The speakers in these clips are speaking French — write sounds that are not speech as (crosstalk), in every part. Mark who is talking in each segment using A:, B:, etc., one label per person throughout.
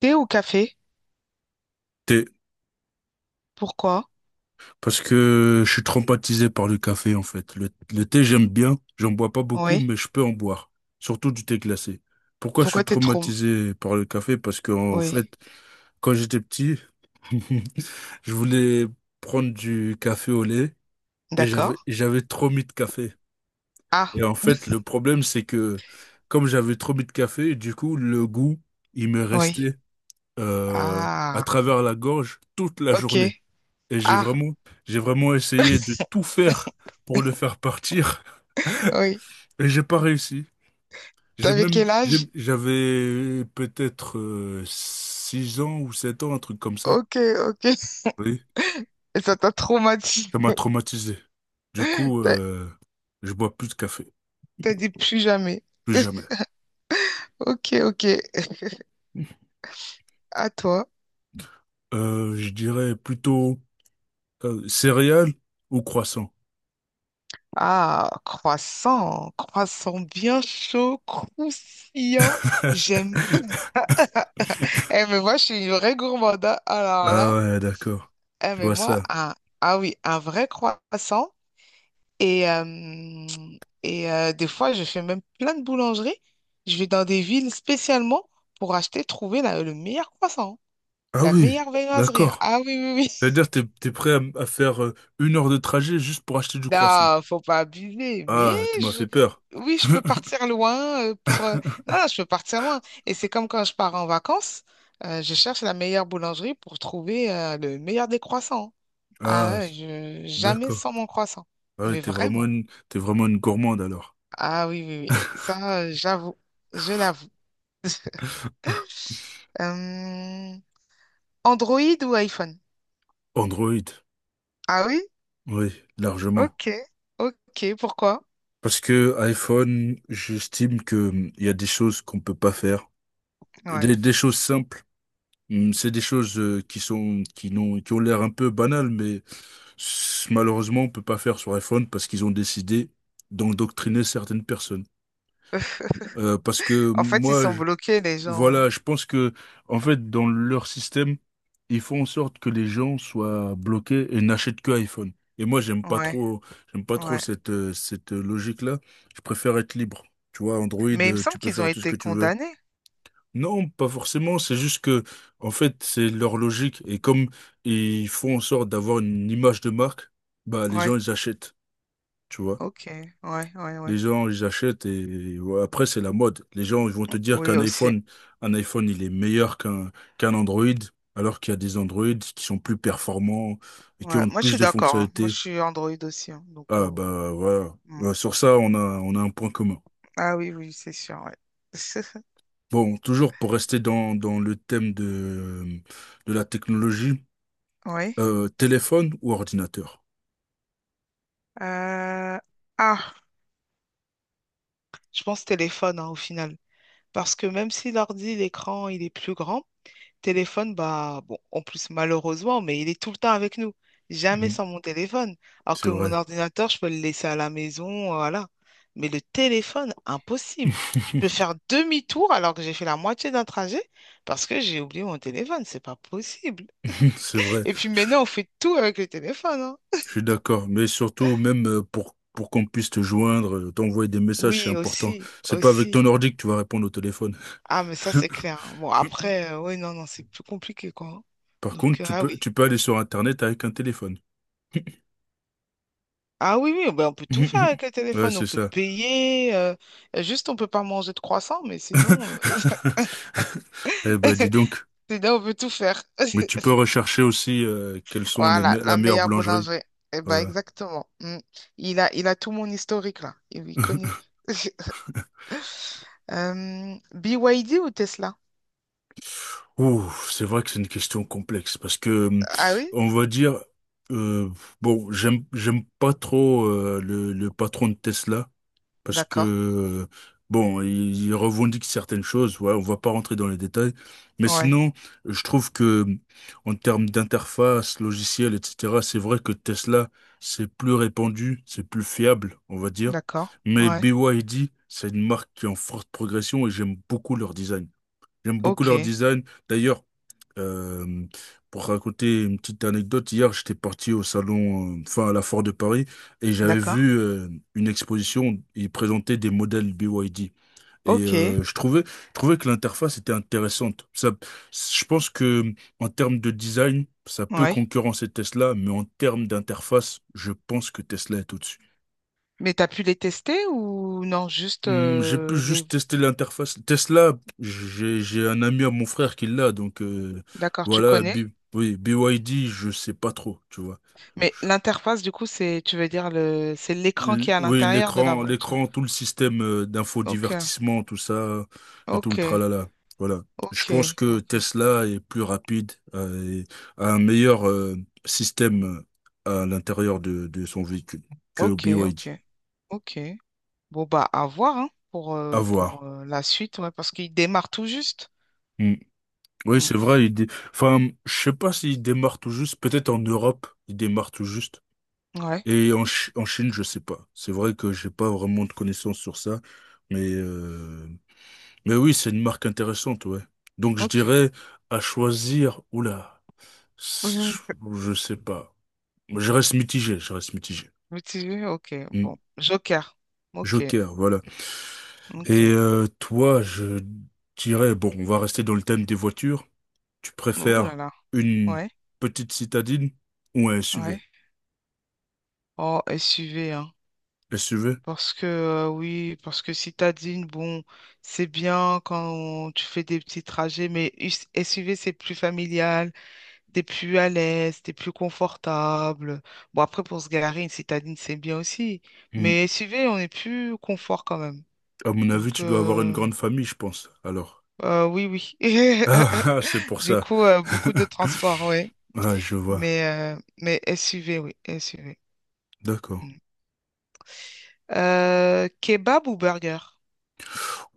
A: Thé ou café?
B: Thé,
A: Pourquoi?
B: parce que je suis traumatisé par le café en fait. Le thé, j'aime bien, j'en bois pas beaucoup,
A: Oui.
B: mais je peux en boire, surtout du thé glacé. Pourquoi je suis
A: Pourquoi t'es trop...
B: traumatisé par le café? Parce que en
A: Oui.
B: fait, quand j'étais petit, (laughs) je voulais prendre du café au lait et
A: D'accord.
B: j'avais trop mis de café.
A: Ah,
B: Et en fait, le problème, c'est que comme j'avais trop mis de café, du coup, le goût, il me
A: oui.
B: restait euh, à
A: Ah,
B: travers la gorge toute la
A: ok.
B: journée. Et
A: Ah,
B: j'ai vraiment essayé de tout faire pour le faire partir
A: oui.
B: (laughs) et j'ai pas réussi.
A: T'avais quel âge?
B: J'avais peut-être 6 ans ou 7 ans, un truc comme ça.
A: Ok, ok. Et
B: Oui,
A: ça t'a traumatisé.
B: ça m'a traumatisé. Du coup,
A: T'as
B: je bois plus de café,
A: t'as dit plus jamais.
B: plus jamais.
A: (laughs) Ok, ok.
B: (laughs)
A: À toi.
B: Je dirais plutôt céréales ou croissants.
A: Ah, croissant. Croissant bien chaud, croustillant. J'aime.
B: (laughs)
A: Eh, mais moi, je suis une vraie gourmande, hein. Alors
B: Ah
A: là.
B: ouais, d'accord.
A: Eh,
B: Je
A: mais
B: vois
A: moi,
B: ça.
A: un... Ah oui, un vrai croissant. Et, euh, et des fois, je fais même plein de boulangeries. Je vais dans des villes spécialement pour acheter, trouver la- le meilleur croissant, hein,
B: Ah
A: la
B: oui,
A: meilleure viennoiserie, hein.
B: d'accord.
A: Ah oui, oui, oui. (laughs)
B: C'est-à-dire, t'es prêt à faire 1 heure de trajet juste pour acheter du croissant.
A: Non, faut pas abuser. Mais
B: Ah, tu m'as
A: je-
B: fait peur.
A: oui, je peux partir loin pour. Non, non, je peux partir loin. Et c'est comme quand je pars en vacances, je cherche la meilleure boulangerie pour trouver le meilleur des croissants.
B: Ah,
A: Ah, ouais,
B: c-
A: je... jamais
B: d'accord.
A: sans mon croissant.
B: Ah, ouais,
A: Mais vraiment.
B: t'es vraiment une gourmande alors.
A: Ah oui, oui, oui. Ça, j'avoue. Je l'avoue. Euh, Android ou iPhone?
B: Android,
A: Ah oui?
B: oui, largement.
A: Ok, ok, pourquoi?
B: Parce que iPhone, j'estime que il y a des choses qu'on peut pas faire,
A: Ouais.
B: des choses simples. C'est des choses qui sont, qui n'ont, qui ont l'air un peu banales, mais malheureusement, on peut pas faire sur iPhone parce qu'ils ont décidé d'endoctriner certaines personnes. Euh, parce que
A: En fait, ils
B: moi,
A: sont bloqués, les gens.
B: Voilà, en fait, dans leur système, ils font en sorte que les gens soient bloqués et n'achètent que iPhone. Et moi,
A: Ouais,
B: j'aime pas trop
A: ouais.
B: cette, logique-là. Je préfère être libre. Tu vois, Android,
A: Mais il me semble
B: tu peux
A: qu'ils ont
B: faire tout ce
A: été
B: que tu veux.
A: condamnés.
B: Non, pas forcément. En fait, c'est leur logique. Et comme ils font en sorte d'avoir une image de marque, bah, les gens,
A: Ouais,
B: ils achètent. Tu vois.
A: ok, ouais, ouais,
B: Les
A: ouais.
B: gens, ils achètent et ouais, après, c'est la mode. Les gens, ils vont te dire
A: Oui, aussi.
B: un iPhone, il est meilleur qu'un Android, alors qu'il y a des Android qui sont plus performants et qui
A: Ouais.
B: ont
A: Moi, je
B: plus
A: suis
B: de
A: d'accord, hein. Moi, je
B: fonctionnalités.
A: suis Android aussi, hein. Donc,
B: Ah,
A: bon.
B: bah, voilà.
A: Mm.
B: Ouais, sur ça, on a un point commun.
A: Ah oui, oui, c'est sûr, ouais. (laughs)
B: Bon, toujours pour rester dans le thème de la technologie.
A: Oui.
B: Téléphone ou ordinateur?
A: Euh, Ah, je pense téléphone, hein, au final. Parce que même si l'ordi, l'écran, il est plus grand, téléphone, bah, bon, en plus, malheureusement, mais il est tout le temps avec nous. Jamais
B: Mhm.
A: sans mon téléphone. Alors
B: C'est
A: que mon
B: vrai.
A: ordinateur, je peux le laisser à la maison, voilà. Mais le téléphone, impossible. Je peux
B: (laughs)
A: faire demi-tour alors que j'ai fait la moitié d'un trajet parce que j'ai oublié mon téléphone. C'est pas possible.
B: C'est vrai,
A: Et puis
B: je,
A: maintenant, on fait tout avec le téléphone, hein.
B: je suis d'accord. Mais surtout, même pour qu'on puisse te joindre, t'envoyer des messages, c'est
A: Oui,
B: important.
A: aussi,
B: C'est pas avec ton
A: aussi.
B: ordi que tu vas répondre au téléphone.
A: Ah, mais ça, c'est
B: (laughs)
A: clair, hein. Bon, après, oui, non, non, c'est plus compliqué, quoi, hein.
B: Par
A: Donc,
B: contre,
A: ah oui.
B: tu peux aller sur Internet avec un téléphone. (laughs)
A: Ah oui, oui, ben on peut tout faire avec le
B: Ouais,
A: téléphone, on
B: c'est
A: peut
B: ça.
A: payer, juste on peut pas manger de croissant, mais sinon,
B: (laughs) Eh ben, dis
A: (laughs)
B: donc.
A: sinon on peut tout faire. (laughs)
B: Mais tu peux rechercher aussi quelles sont les
A: Voilà,
B: me- la
A: la
B: meilleure
A: meilleure
B: boulangerie.
A: boulangerie. Eh ben
B: Voilà.
A: exactement. Mm. Il a tout mon historique là, il connaît.
B: (laughs)
A: (laughs) BYD ou Tesla?
B: Ouh, c'est vrai que c'est une question complexe parce que
A: Ah oui?
B: on va dire euh, bon, j'aime pas trop le patron de Tesla parce
A: D'accord.
B: que, bon, ils il revendique certaines choses, ouais, on va pas rentrer dans les détails, mais
A: Ouais,
B: sinon, je trouve que, en termes d'interface, logiciel, etc., c'est vrai que Tesla, c'est plus répandu, c'est plus fiable, on va dire,
A: d'accord.
B: mais
A: Ouais.
B: BYD, c'est une marque qui est en forte progression et j'aime beaucoup leur design. J'aime beaucoup leur
A: Ok,
B: design. D'ailleurs, euh, pour raconter une petite anecdote, hier, j'étais parti au salon, enfin à la Foire de Paris, et j'avais
A: d'accord.
B: vu une exposition, ils présentaient des modèles BYD. Et
A: Ok,
B: je trouvais que l'interface était intéressante. Ça, je pense que en termes de design, ça peut
A: ouais.
B: concurrencer Tesla, mais en termes d'interface, je pense que Tesla est au-dessus.
A: Mais t'as pu les tester ou non, juste
B: Hmm, j'ai pu
A: les...
B: juste tester l'interface. Tesla, j'ai un ami à mon frère qui l'a, donc
A: D'accord, tu
B: voilà,
A: connais?
B: BYD, je sais pas trop, tu vois.
A: Mais l'interface, du coup, c'est, tu veux dire, le, c'est l'écran qui est à l'intérieur de la voiture.
B: L'écran, tout le système
A: Ok,
B: d'infodivertissement, tout ça, et tout le
A: ok,
B: tralala. Voilà. Je
A: ok,
B: pense que
A: ok,
B: Tesla est plus rapide et a un meilleur système à l'intérieur de son véhicule que
A: ok,
B: BYD.
A: ok, ok. Bon, bah, à voir, hein,
B: À voir.
A: pour la suite, ouais, parce qu'il démarre tout juste.
B: Hmm. Oui,
A: Mm.
B: c'est vrai. Enfin, je sais pas s'il démarre tout juste. Peut-être en Europe, il démarre tout juste.
A: Ouais,
B: En Chine, je sais pas. C'est vrai que j'ai pas vraiment de connaissances sur ça. Mais, euh, mais oui, c'est une marque intéressante, ouais. Donc, je
A: ok.
B: dirais à choisir. Oula,
A: (laughs)
B: je sais pas. Je reste mitigé.
A: Mitigé, ok,
B: Hmm.
A: bon. Joker, ok,
B: Joker, voilà. Et
A: ok.
B: toi, je dirais, bon, on va rester dans le thème des voitures. Tu
A: Oh là
B: préfères
A: là,
B: une
A: ouais,
B: petite citadine ou un
A: ouais.
B: SUV?
A: Oh, SUV,
B: Qu'est-ce que tu veux?
A: parce que oui, parce que citadine, bon, c'est bien quand tu fais des petits trajets, mais US- SUV, c'est plus familial, t'es plus à l'aise, t'es plus confortable. Bon, après, pour se garer, une citadine, c'est bien aussi.
B: Hmm.
A: Mais SUV, on est plus confort quand même.
B: À mon avis,
A: Donc,
B: tu dois avoir une grande famille, je pense. Alors. (laughs)
A: oui, oui.
B: Ah, ah, c'est
A: (laughs)
B: pour
A: Du
B: ça.
A: coup, beaucoup de
B: (laughs)
A: transport, oui.
B: Ah, je vois.
A: Mais SUV, oui, SUV.
B: D'accord.
A: Mm. Kebab ou burger?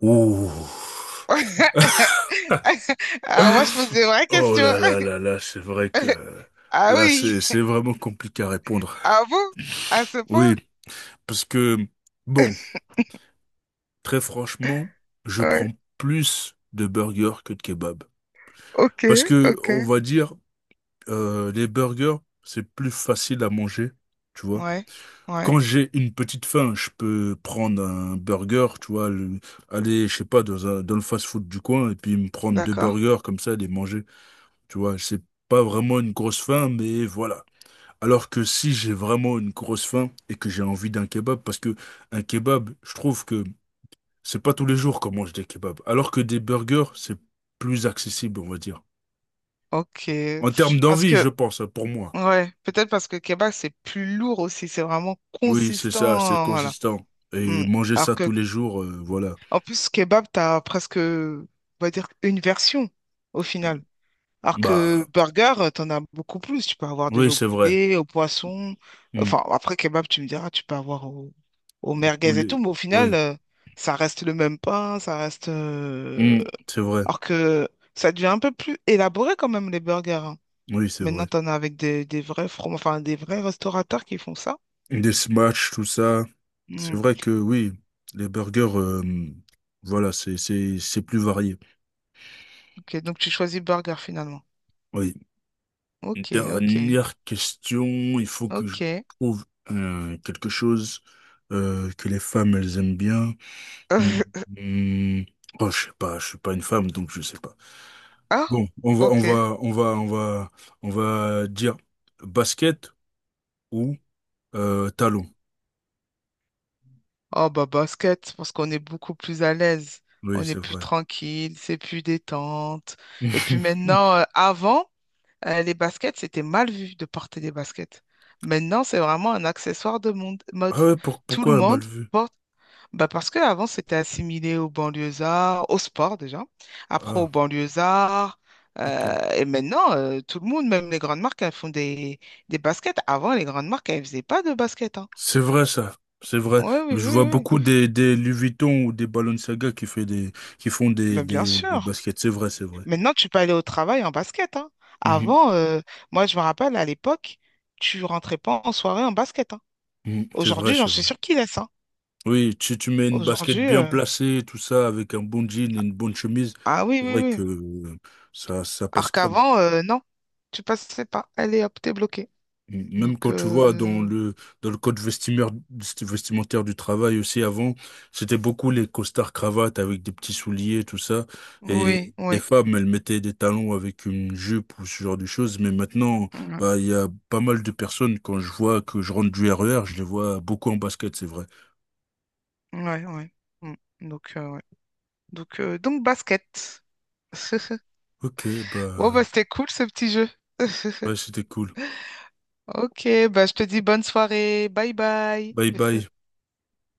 B: Ouh.
A: (laughs) Alors moi, je pose des vraies
B: Oh
A: questions.
B: là là là là, c'est vrai que
A: (laughs) Ah
B: là,
A: oui.
B: c'est vraiment compliqué à répondre.
A: Ah bon? À ce point?
B: Oui, parce que, bon, très franchement, je
A: Ouais.
B: prends plus de burgers que de kebab.
A: Ok,
B: Parce que,
A: ok.
B: on va dire, les burgers, c'est plus facile à manger, tu vois.
A: Ouais, ouais.
B: Quand j'ai une petite faim, je peux prendre un burger, tu vois, aller, je sais pas, dans le fast-food du coin et puis me prendre deux
A: D'accord.
B: burgers comme ça, les manger. Tu vois, c'est pas vraiment une grosse faim, mais voilà. Alors que si j'ai vraiment une grosse faim et que j'ai envie d'un kebab, parce que un kebab, je trouve que c'est pas tous les jours qu'on mange des kebabs, alors que des burgers, c'est plus accessible, on va dire.
A: Ok.
B: En termes
A: Parce
B: d'envie,
A: que,
B: je pense, pour moi.
A: ouais, peut-être parce que kebab, c'est plus lourd aussi. C'est vraiment
B: Oui, c'est ça, c'est
A: consistant. Voilà.
B: consistant. Et
A: Mm.
B: manger
A: Alors
B: ça tous
A: que,
B: les jours, voilà.
A: en plus, kebab, t'as presque, on va dire, une version au final. Alors
B: Bah.
A: que burger, t'en as beaucoup plus. Tu peux avoir
B: Oui,
A: déjà au
B: c'est vrai.
A: poulet, au poisson.
B: Mm.
A: Enfin, après, kebab, tu me diras, tu peux avoir au, au
B: Le
A: merguez et
B: poulet.
A: tout. Mais au final,
B: Oui,
A: ça reste le même pain, ça reste...
B: hmm, c'est vrai.
A: alors que ça devient un peu plus élaboré quand même, les burgers, hein.
B: Oui, c'est vrai.
A: Maintenant, t'en as avec des vrais from... enfin, des vrais restaurateurs qui font ça.
B: Des smash, tout ça. C'est
A: Hmm,
B: vrai que oui, les burgers, voilà, c'est plus varié.
A: ok, donc tu choisis burger finalement.
B: Oui. Une
A: Ok, ok,
B: dernière question. Il faut que je
A: ok.
B: trouve quelque chose que les femmes, elles aiment bien. Hmm,
A: (laughs)
B: hmm. Oh, je sais pas, je suis pas une femme, donc je sais pas.
A: Ah,
B: Bon,
A: ok.
B: on va dire basket ou talon.
A: Oh bah basket, parce qu'on est beaucoup plus à l'aise,
B: Oui,
A: on est
B: c'est
A: plus
B: vrai.
A: tranquille, c'est plus détente. Et puis
B: (laughs)
A: maintenant, avant, les baskets, c'était mal vu de porter des baskets. Maintenant, c'est vraiment un accessoire de monde- mode.
B: Ah ouais,
A: Tout le
B: pourquoi mal
A: monde
B: vu?
A: porte, bah parce qu'avant, c'était assimilé aux banlieusards, au sport déjà, après aux
B: Ah,
A: banlieusards.
B: ok.
A: Et maintenant, tout le monde, même les grandes marques, elles font des baskets. Avant, les grandes marques, elles faisaient pas de baskets, hein.
B: C'est vrai ça, c'est vrai.
A: Oui, oui,
B: Je vois
A: oui, oui.
B: beaucoup des Louis Vuitton ou des Balenciaga qui font
A: Ben, bien
B: des
A: sûr.
B: baskets. C'est vrai, c'est vrai.
A: Maintenant,
B: (laughs)
A: tu peux aller au travail en basket, hein.
B: Mhm,
A: Avant, moi, je me rappelle, à l'époque, tu rentrais pas en soirée en basket, hein.
B: mhm. C'est vrai,
A: Aujourd'hui, j'en
B: c'est
A: suis
B: vrai.
A: sûre qu'ils laissent, hein.
B: Oui, si tu mets une basket
A: Aujourd'hui,
B: bien placée, tout ça, avec un bon jean et une bonne chemise,
A: ah oui,
B: c'est
A: oui,
B: vrai
A: oui.
B: que ça passe
A: Alors
B: crème.
A: qu'avant, non, tu passais pas. Allez, hop, t'es bloqué.
B: Même
A: Donc,
B: quand tu vois dans le code vestimentaire du travail aussi avant, c'était beaucoup les costards cravates avec des petits souliers, tout ça. Mhm. Et
A: oui,
B: les
A: oui,
B: femmes, elles mettaient des talons avec une jupe ou ce genre de choses. Mais maintenant, bah, il y a pas mal de personnes, quand je vois que je rentre du RER, je les vois beaucoup en basket, c'est vrai.
A: ouais, ouais, ouais. Mm. Donc, ouais. Donc, basket. (laughs)
B: Ok,
A: Bon,
B: bah,
A: bah, c'était cool, ce petit jeu. (laughs)
B: ouais, c'était cool.
A: Ok, bah, je te dis bonne soirée. Bye bye.
B: Bye bye.
A: (laughs)